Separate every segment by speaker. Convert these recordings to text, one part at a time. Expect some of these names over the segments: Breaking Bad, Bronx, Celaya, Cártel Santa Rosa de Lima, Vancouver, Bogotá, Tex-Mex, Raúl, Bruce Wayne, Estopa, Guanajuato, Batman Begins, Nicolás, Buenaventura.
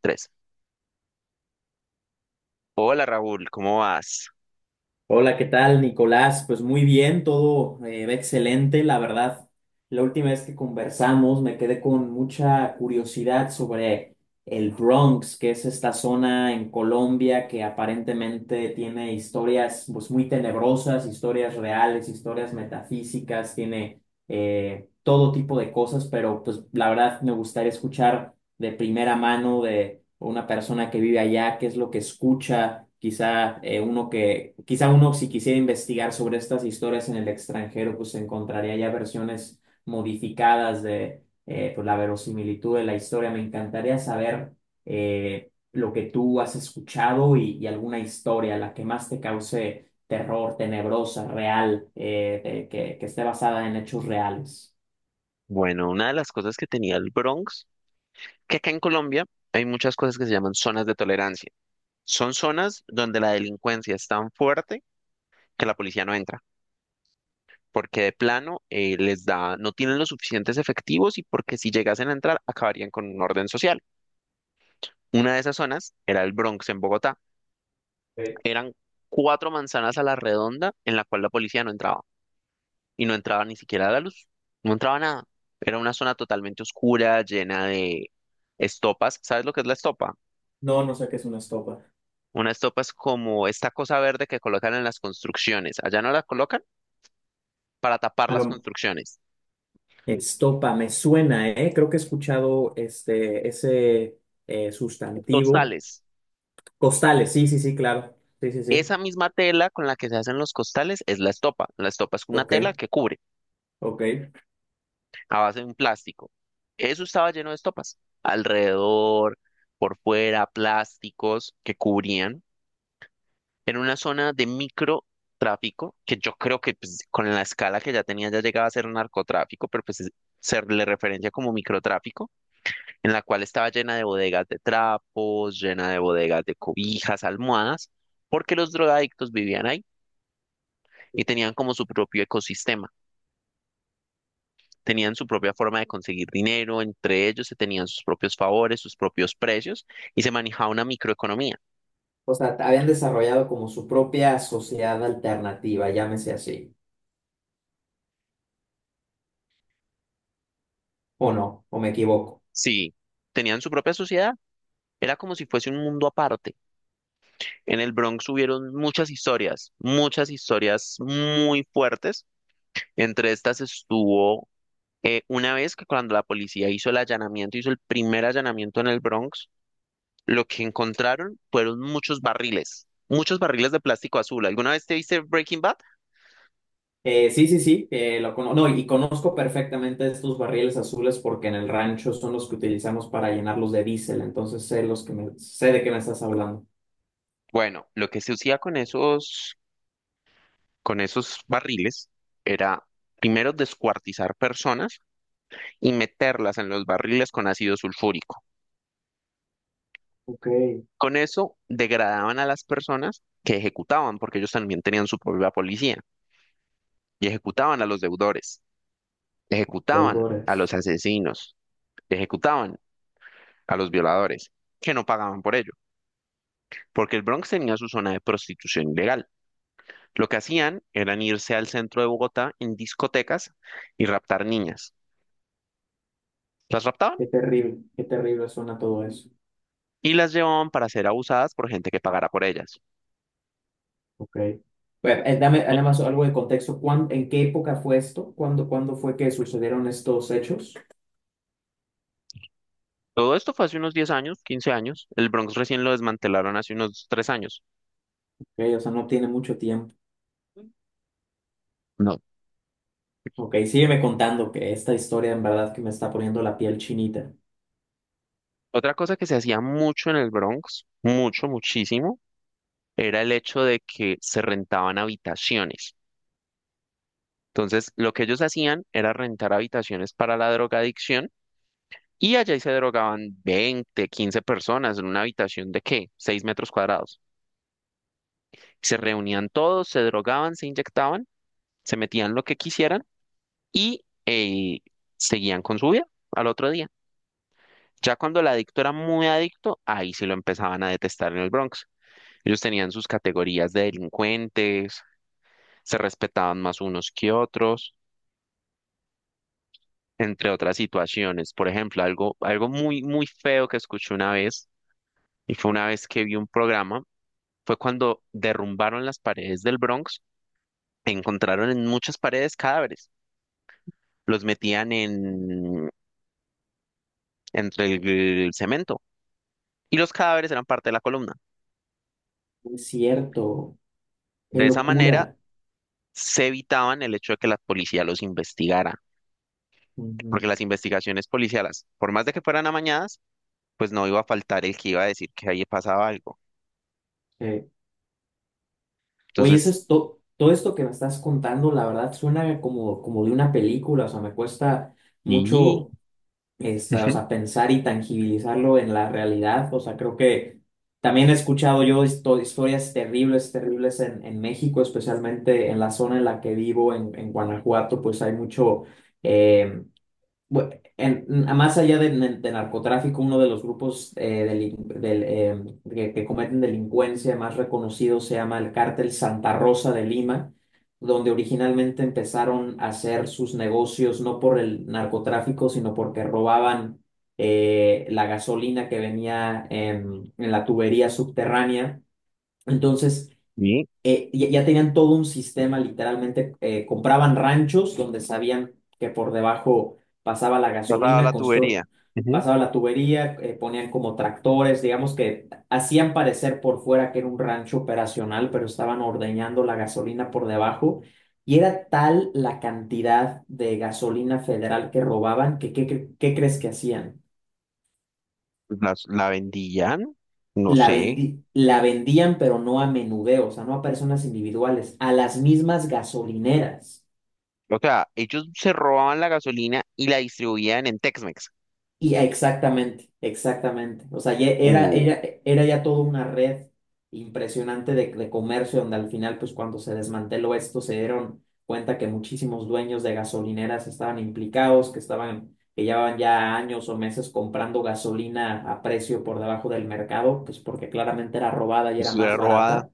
Speaker 1: Tres. Hola Raúl, ¿cómo vas?
Speaker 2: Hola, ¿qué tal, Nicolás? Pues muy bien, todo va excelente, la verdad. La última vez que conversamos me quedé con mucha curiosidad sobre el Bronx, que es esta zona en Colombia que aparentemente tiene historias, pues, muy tenebrosas, historias reales, historias metafísicas, tiene todo tipo de cosas, pero pues la verdad me gustaría escuchar de primera mano de una persona que vive allá, qué es lo que escucha, quizá uno que, quizá uno si quisiera investigar sobre estas historias en el extranjero, pues encontraría ya versiones modificadas de pues, la verosimilitud de la historia. Me encantaría saber lo que tú has escuchado y alguna historia, la que más te cause terror, tenebrosa, real, que esté basada en hechos reales.
Speaker 1: Bueno, una de las cosas que tenía el Bronx, que acá en Colombia hay muchas cosas que se llaman zonas de tolerancia. Son zonas donde la delincuencia es tan fuerte que la policía no entra, porque de plano les da, no tienen los suficientes efectivos y porque si llegasen a entrar acabarían con un orden social. Una de esas zonas era el Bronx en Bogotá.
Speaker 2: Eh,
Speaker 1: Eran cuatro manzanas a la redonda en la cual la policía no entraba. Y no entraba ni siquiera la luz, no entraba nada. Era una zona totalmente oscura, llena de estopas. ¿Sabes lo que es la estopa?
Speaker 2: No, no sé qué es una estopa.
Speaker 1: Una estopa es como esta cosa verde que colocan en las construcciones. Allá no la colocan para tapar
Speaker 2: A
Speaker 1: las
Speaker 2: lo,
Speaker 1: construcciones.
Speaker 2: Estopa, me suena, ¿eh? Creo que he escuchado este, ese sustantivo.
Speaker 1: Costales.
Speaker 2: Costales, sí, sí, sí, claro. Sí, sí, sí.
Speaker 1: Esa misma tela con la que se hacen los costales es la estopa. La estopa es una
Speaker 2: Ok,
Speaker 1: tela que cubre
Speaker 2: ok.
Speaker 1: a base de un plástico. Eso estaba lleno de estopas. Alrededor, por fuera, plásticos que cubrían. En una zona de microtráfico, que yo creo que pues, con la escala que ya tenía ya llegaba a ser narcotráfico, pero pues se le referencia como microtráfico, en la cual estaba llena de bodegas de trapos, llena de bodegas de cobijas, almohadas, porque los drogadictos vivían ahí y tenían como su propio ecosistema, tenían su propia forma de conseguir dinero, entre ellos se tenían sus propios favores, sus propios precios y se manejaba una microeconomía.
Speaker 2: O sea, habían desarrollado como su propia sociedad alternativa, llámese así. ¿O no? ¿O me equivoco?
Speaker 1: Sí, tenían su propia sociedad, era como si fuese un mundo aparte. En el Bronx hubieron muchas historias muy fuertes. Entre estas estuvo una vez que cuando la policía hizo el allanamiento, hizo el primer allanamiento en el Bronx, lo que encontraron fueron muchos barriles de plástico azul. ¿Alguna vez te viste Breaking Bad?
Speaker 2: Sí, sí, sí, no, y conozco perfectamente estos barriles azules porque en el rancho son los que utilizamos para llenarlos de diésel, entonces sé los que me, sé de qué me estás hablando.
Speaker 1: Bueno, lo que se hacía con esos barriles era primero descuartizar personas y meterlas en los barriles con ácido sulfúrico.
Speaker 2: Ok,
Speaker 1: Con eso degradaban a las personas que ejecutaban, porque ellos también tenían su propia policía, y ejecutaban a los deudores, ejecutaban a
Speaker 2: deudores.
Speaker 1: los asesinos, ejecutaban a los violadores, que no pagaban por ello, porque el Bronx tenía su zona de prostitución ilegal. Lo que hacían eran irse al centro de Bogotá en discotecas y raptar niñas. Las raptaban
Speaker 2: Qué terrible suena todo eso.
Speaker 1: y las llevaban para ser abusadas por gente que pagara por ellas.
Speaker 2: Ok. Bueno, dame nada más algo de contexto. ¿En qué época fue esto? ¿Cuándo, cuándo fue que sucedieron estos hechos?
Speaker 1: Todo esto fue hace unos 10 años, 15 años. El Bronx recién lo desmantelaron hace unos 3 años.
Speaker 2: Ok, o sea, no tiene mucho tiempo.
Speaker 1: No.
Speaker 2: Ok, sígueme contando que esta historia en verdad que me está poniendo la piel chinita.
Speaker 1: Otra cosa que se hacía mucho en el Bronx, mucho, muchísimo, era el hecho de que se rentaban habitaciones. Entonces, lo que ellos hacían era rentar habitaciones para la drogadicción y allá ahí se drogaban 20, 15 personas en una habitación de ¿qué? 6 metros cuadrados. Se reunían todos, se drogaban, se inyectaban, se metían lo que quisieran y seguían con su vida al otro día. Ya cuando el adicto era muy adicto, ahí sí lo empezaban a detestar en el Bronx. Ellos tenían sus categorías de delincuentes, se respetaban más unos que otros, entre otras situaciones. Por ejemplo, algo, algo muy, muy feo que escuché una vez, y fue una vez que vi un programa, fue cuando derrumbaron las paredes del Bronx, encontraron en muchas paredes cadáveres, los metían entre el cemento, y los cadáveres eran parte de la columna.
Speaker 2: No. Es cierto, qué
Speaker 1: De esa manera
Speaker 2: locura.
Speaker 1: se evitaban el hecho de que la policía los investigara,
Speaker 2: Ujú,
Speaker 1: porque las investigaciones policiales, por más de que fueran amañadas, pues no iba a faltar el que iba a decir que ahí pasaba algo.
Speaker 2: sí. Oye,
Speaker 1: Entonces,
Speaker 2: todo esto que me estás contando, la verdad suena como, como de una película, o sea, me cuesta
Speaker 1: sí.
Speaker 2: mucho esta, o
Speaker 1: Ujú,
Speaker 2: sea, pensar y tangibilizarlo en la realidad. O sea, creo que también he escuchado yo historias terribles, terribles en México, especialmente en la zona en la que vivo, en Guanajuato, pues hay mucho, eh, bu- en- más allá de narcotráfico, uno de los grupos que cometen delincuencia más reconocidos, se llama el Cártel Santa Rosa de Lima, donde originalmente empezaron a hacer sus negocios no por el narcotráfico, sino porque robaban la gasolina que venía en la tubería subterránea. Entonces,
Speaker 1: sí,
Speaker 2: ya tenían todo un sistema, literalmente compraban ranchos donde sabían que por debajo pasaba la
Speaker 1: pasaba la
Speaker 2: gasolina,
Speaker 1: tubería. Ujú.
Speaker 2: pasaba la tubería, ponían como tractores, digamos que hacían parecer por fuera que era un rancho operacional, pero estaban ordeñando la gasolina por debajo. Y era tal la cantidad de gasolina federal que robaban que, ¿qué, qué crees que hacían?
Speaker 1: La vendían, no sé.
Speaker 2: La vendían, pero no a menudeo, o sea, no a personas individuales, a las mismas gasolineras.
Speaker 1: O sea, ellos se robaban la gasolina y la distribuían en Tex-Mex.
Speaker 2: Y exactamente, exactamente. O sea,
Speaker 1: Uh,
Speaker 2: era ya toda una red impresionante de comercio donde al final, pues cuando se desmanteló esto, se dieron cuenta que muchísimos dueños de gasolineras estaban implicados, que estaban, que llevaban ya años o meses comprando gasolina a precio por debajo del mercado, pues porque claramente era robada y era
Speaker 1: pues era
Speaker 2: más
Speaker 1: robada.
Speaker 2: barata.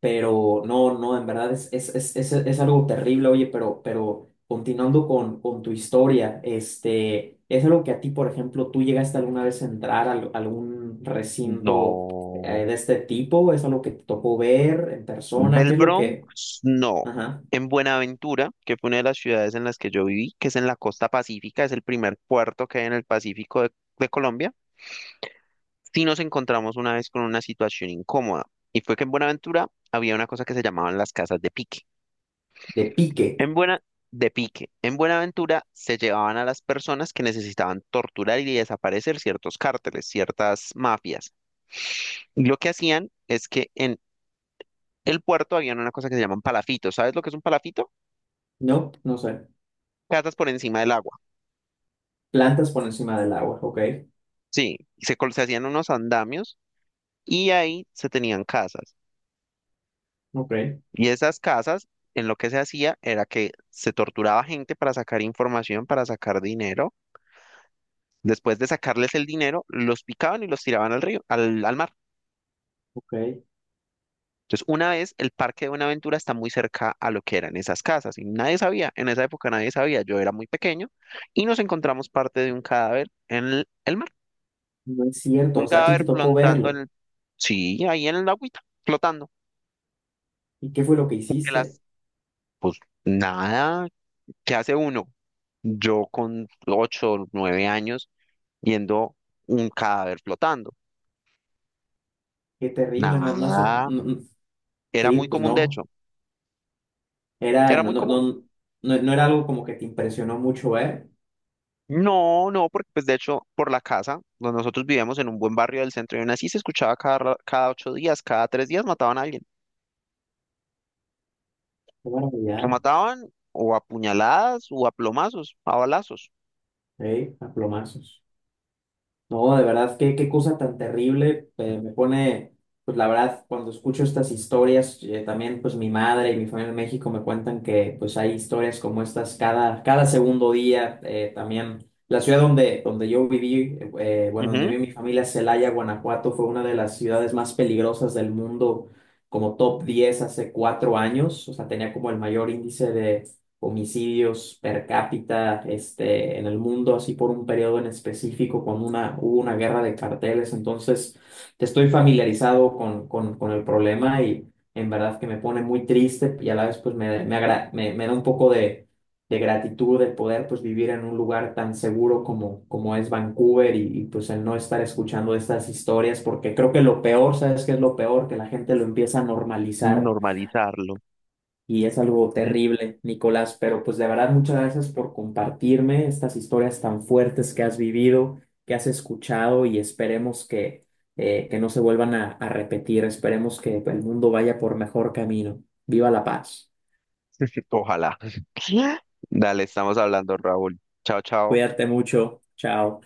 Speaker 2: Pero no, no, en verdad es algo terrible, oye, pero continuando con tu historia, este, ¿es algo que a ti, por ejemplo, tú llegaste alguna vez a entrar a, algún recinto
Speaker 1: No.
Speaker 2: de este tipo? ¿Es algo que te tocó ver en persona?
Speaker 1: Del
Speaker 2: ¿Qué es lo que,
Speaker 1: Bronx, no.
Speaker 2: ajá,
Speaker 1: En Buenaventura, que fue una de las ciudades en las que yo viví, que es en la costa pacífica, es el primer puerto que hay en el Pacífico de Colombia. Sí nos encontramos una vez con una situación incómoda, y fue que en Buenaventura había una cosa que se llamaban las casas de pique.
Speaker 2: de pique,
Speaker 1: En Buena, de pique. En Buenaventura se llevaban a las personas que necesitaban torturar y desaparecer ciertos cárteles, ciertas mafias. Y lo que hacían es que en el puerto habían una cosa que se llaman palafitos. ¿Sabes lo que es un palafito?
Speaker 2: no? No sé,
Speaker 1: Casas por encima del agua.
Speaker 2: plantas por encima del agua, ok,
Speaker 1: Sí, y se hacían unos andamios y ahí se tenían casas.
Speaker 2: ok,
Speaker 1: Y esas casas, en lo que se hacía era que se torturaba gente para sacar información, para sacar dinero. Después de sacarles el dinero, los picaban y los tiraban al río, al mar.
Speaker 2: ok,
Speaker 1: Entonces, una vez el parque de Buenaventura está muy cerca a lo que eran esas casas y nadie sabía, en esa época nadie sabía, yo era muy pequeño y nos encontramos parte de un cadáver en el mar,
Speaker 2: no es cierto,
Speaker 1: un
Speaker 2: o sea, a ti te
Speaker 1: cadáver
Speaker 2: tocó
Speaker 1: flotando en
Speaker 2: verlo,
Speaker 1: el, Sí, ahí en el agüita, flotando,
Speaker 2: ¿y qué fue lo que
Speaker 1: porque
Speaker 2: hiciste?
Speaker 1: las, pues nada, ¿qué hace uno? Yo con 8 o 9 años viendo un cadáver flotando.
Speaker 2: Qué terrible, no, no, eso,
Speaker 1: Nada,
Speaker 2: no, no,
Speaker 1: era
Speaker 2: sí,
Speaker 1: muy
Speaker 2: pues
Speaker 1: común, de
Speaker 2: no.
Speaker 1: hecho,
Speaker 2: Era,
Speaker 1: era
Speaker 2: no,
Speaker 1: muy
Speaker 2: no, no,
Speaker 1: común.
Speaker 2: no, no era algo como que te impresionó mucho ver.
Speaker 1: No, no, porque pues de hecho por la casa, donde nosotros vivíamos en un buen barrio del centro y aún así se escuchaba cada 8 días, cada 3 días mataban a alguien.
Speaker 2: Qué maravilla,
Speaker 1: Lo mataban o a puñaladas o a plomazos, a balazos.
Speaker 2: ¿eh? A plomazos. No, de verdad, qué, qué cosa tan terrible. Me pone, pues la verdad, cuando escucho estas historias, también pues mi madre y mi familia en México me cuentan que pues hay historias como estas cada, cada segundo día. También la ciudad donde, donde yo viví, bueno, donde
Speaker 1: Ujú.
Speaker 2: viví mi familia, Celaya, Guanajuato, fue una de las ciudades más peligrosas del mundo, como top 10 hace 4 años. O sea, tenía como el mayor índice de homicidios per cápita este, en el mundo, así por un periodo en específico, cuando hubo una guerra de carteles. Entonces, estoy familiarizado con el problema y en verdad que me pone muy triste y a la vez pues me, me, me da un poco de gratitud de poder pues vivir en un lugar tan seguro como, como es Vancouver pues el no estar escuchando estas historias porque creo que lo peor, ¿sabes qué es lo peor? Que la gente lo empieza a normalizar
Speaker 1: Normalizarlo.
Speaker 2: y es algo
Speaker 1: Mm.
Speaker 2: terrible, Nicolás, pero pues de verdad muchas gracias por compartirme estas historias tan fuertes que has vivido, que has escuchado y esperemos que no se vuelvan a repetir, esperemos que el mundo vaya por mejor camino. Viva la paz.
Speaker 1: Ojalá. Dale, estamos hablando, Raúl. Chao, chao.
Speaker 2: Cuídate mucho. Chao.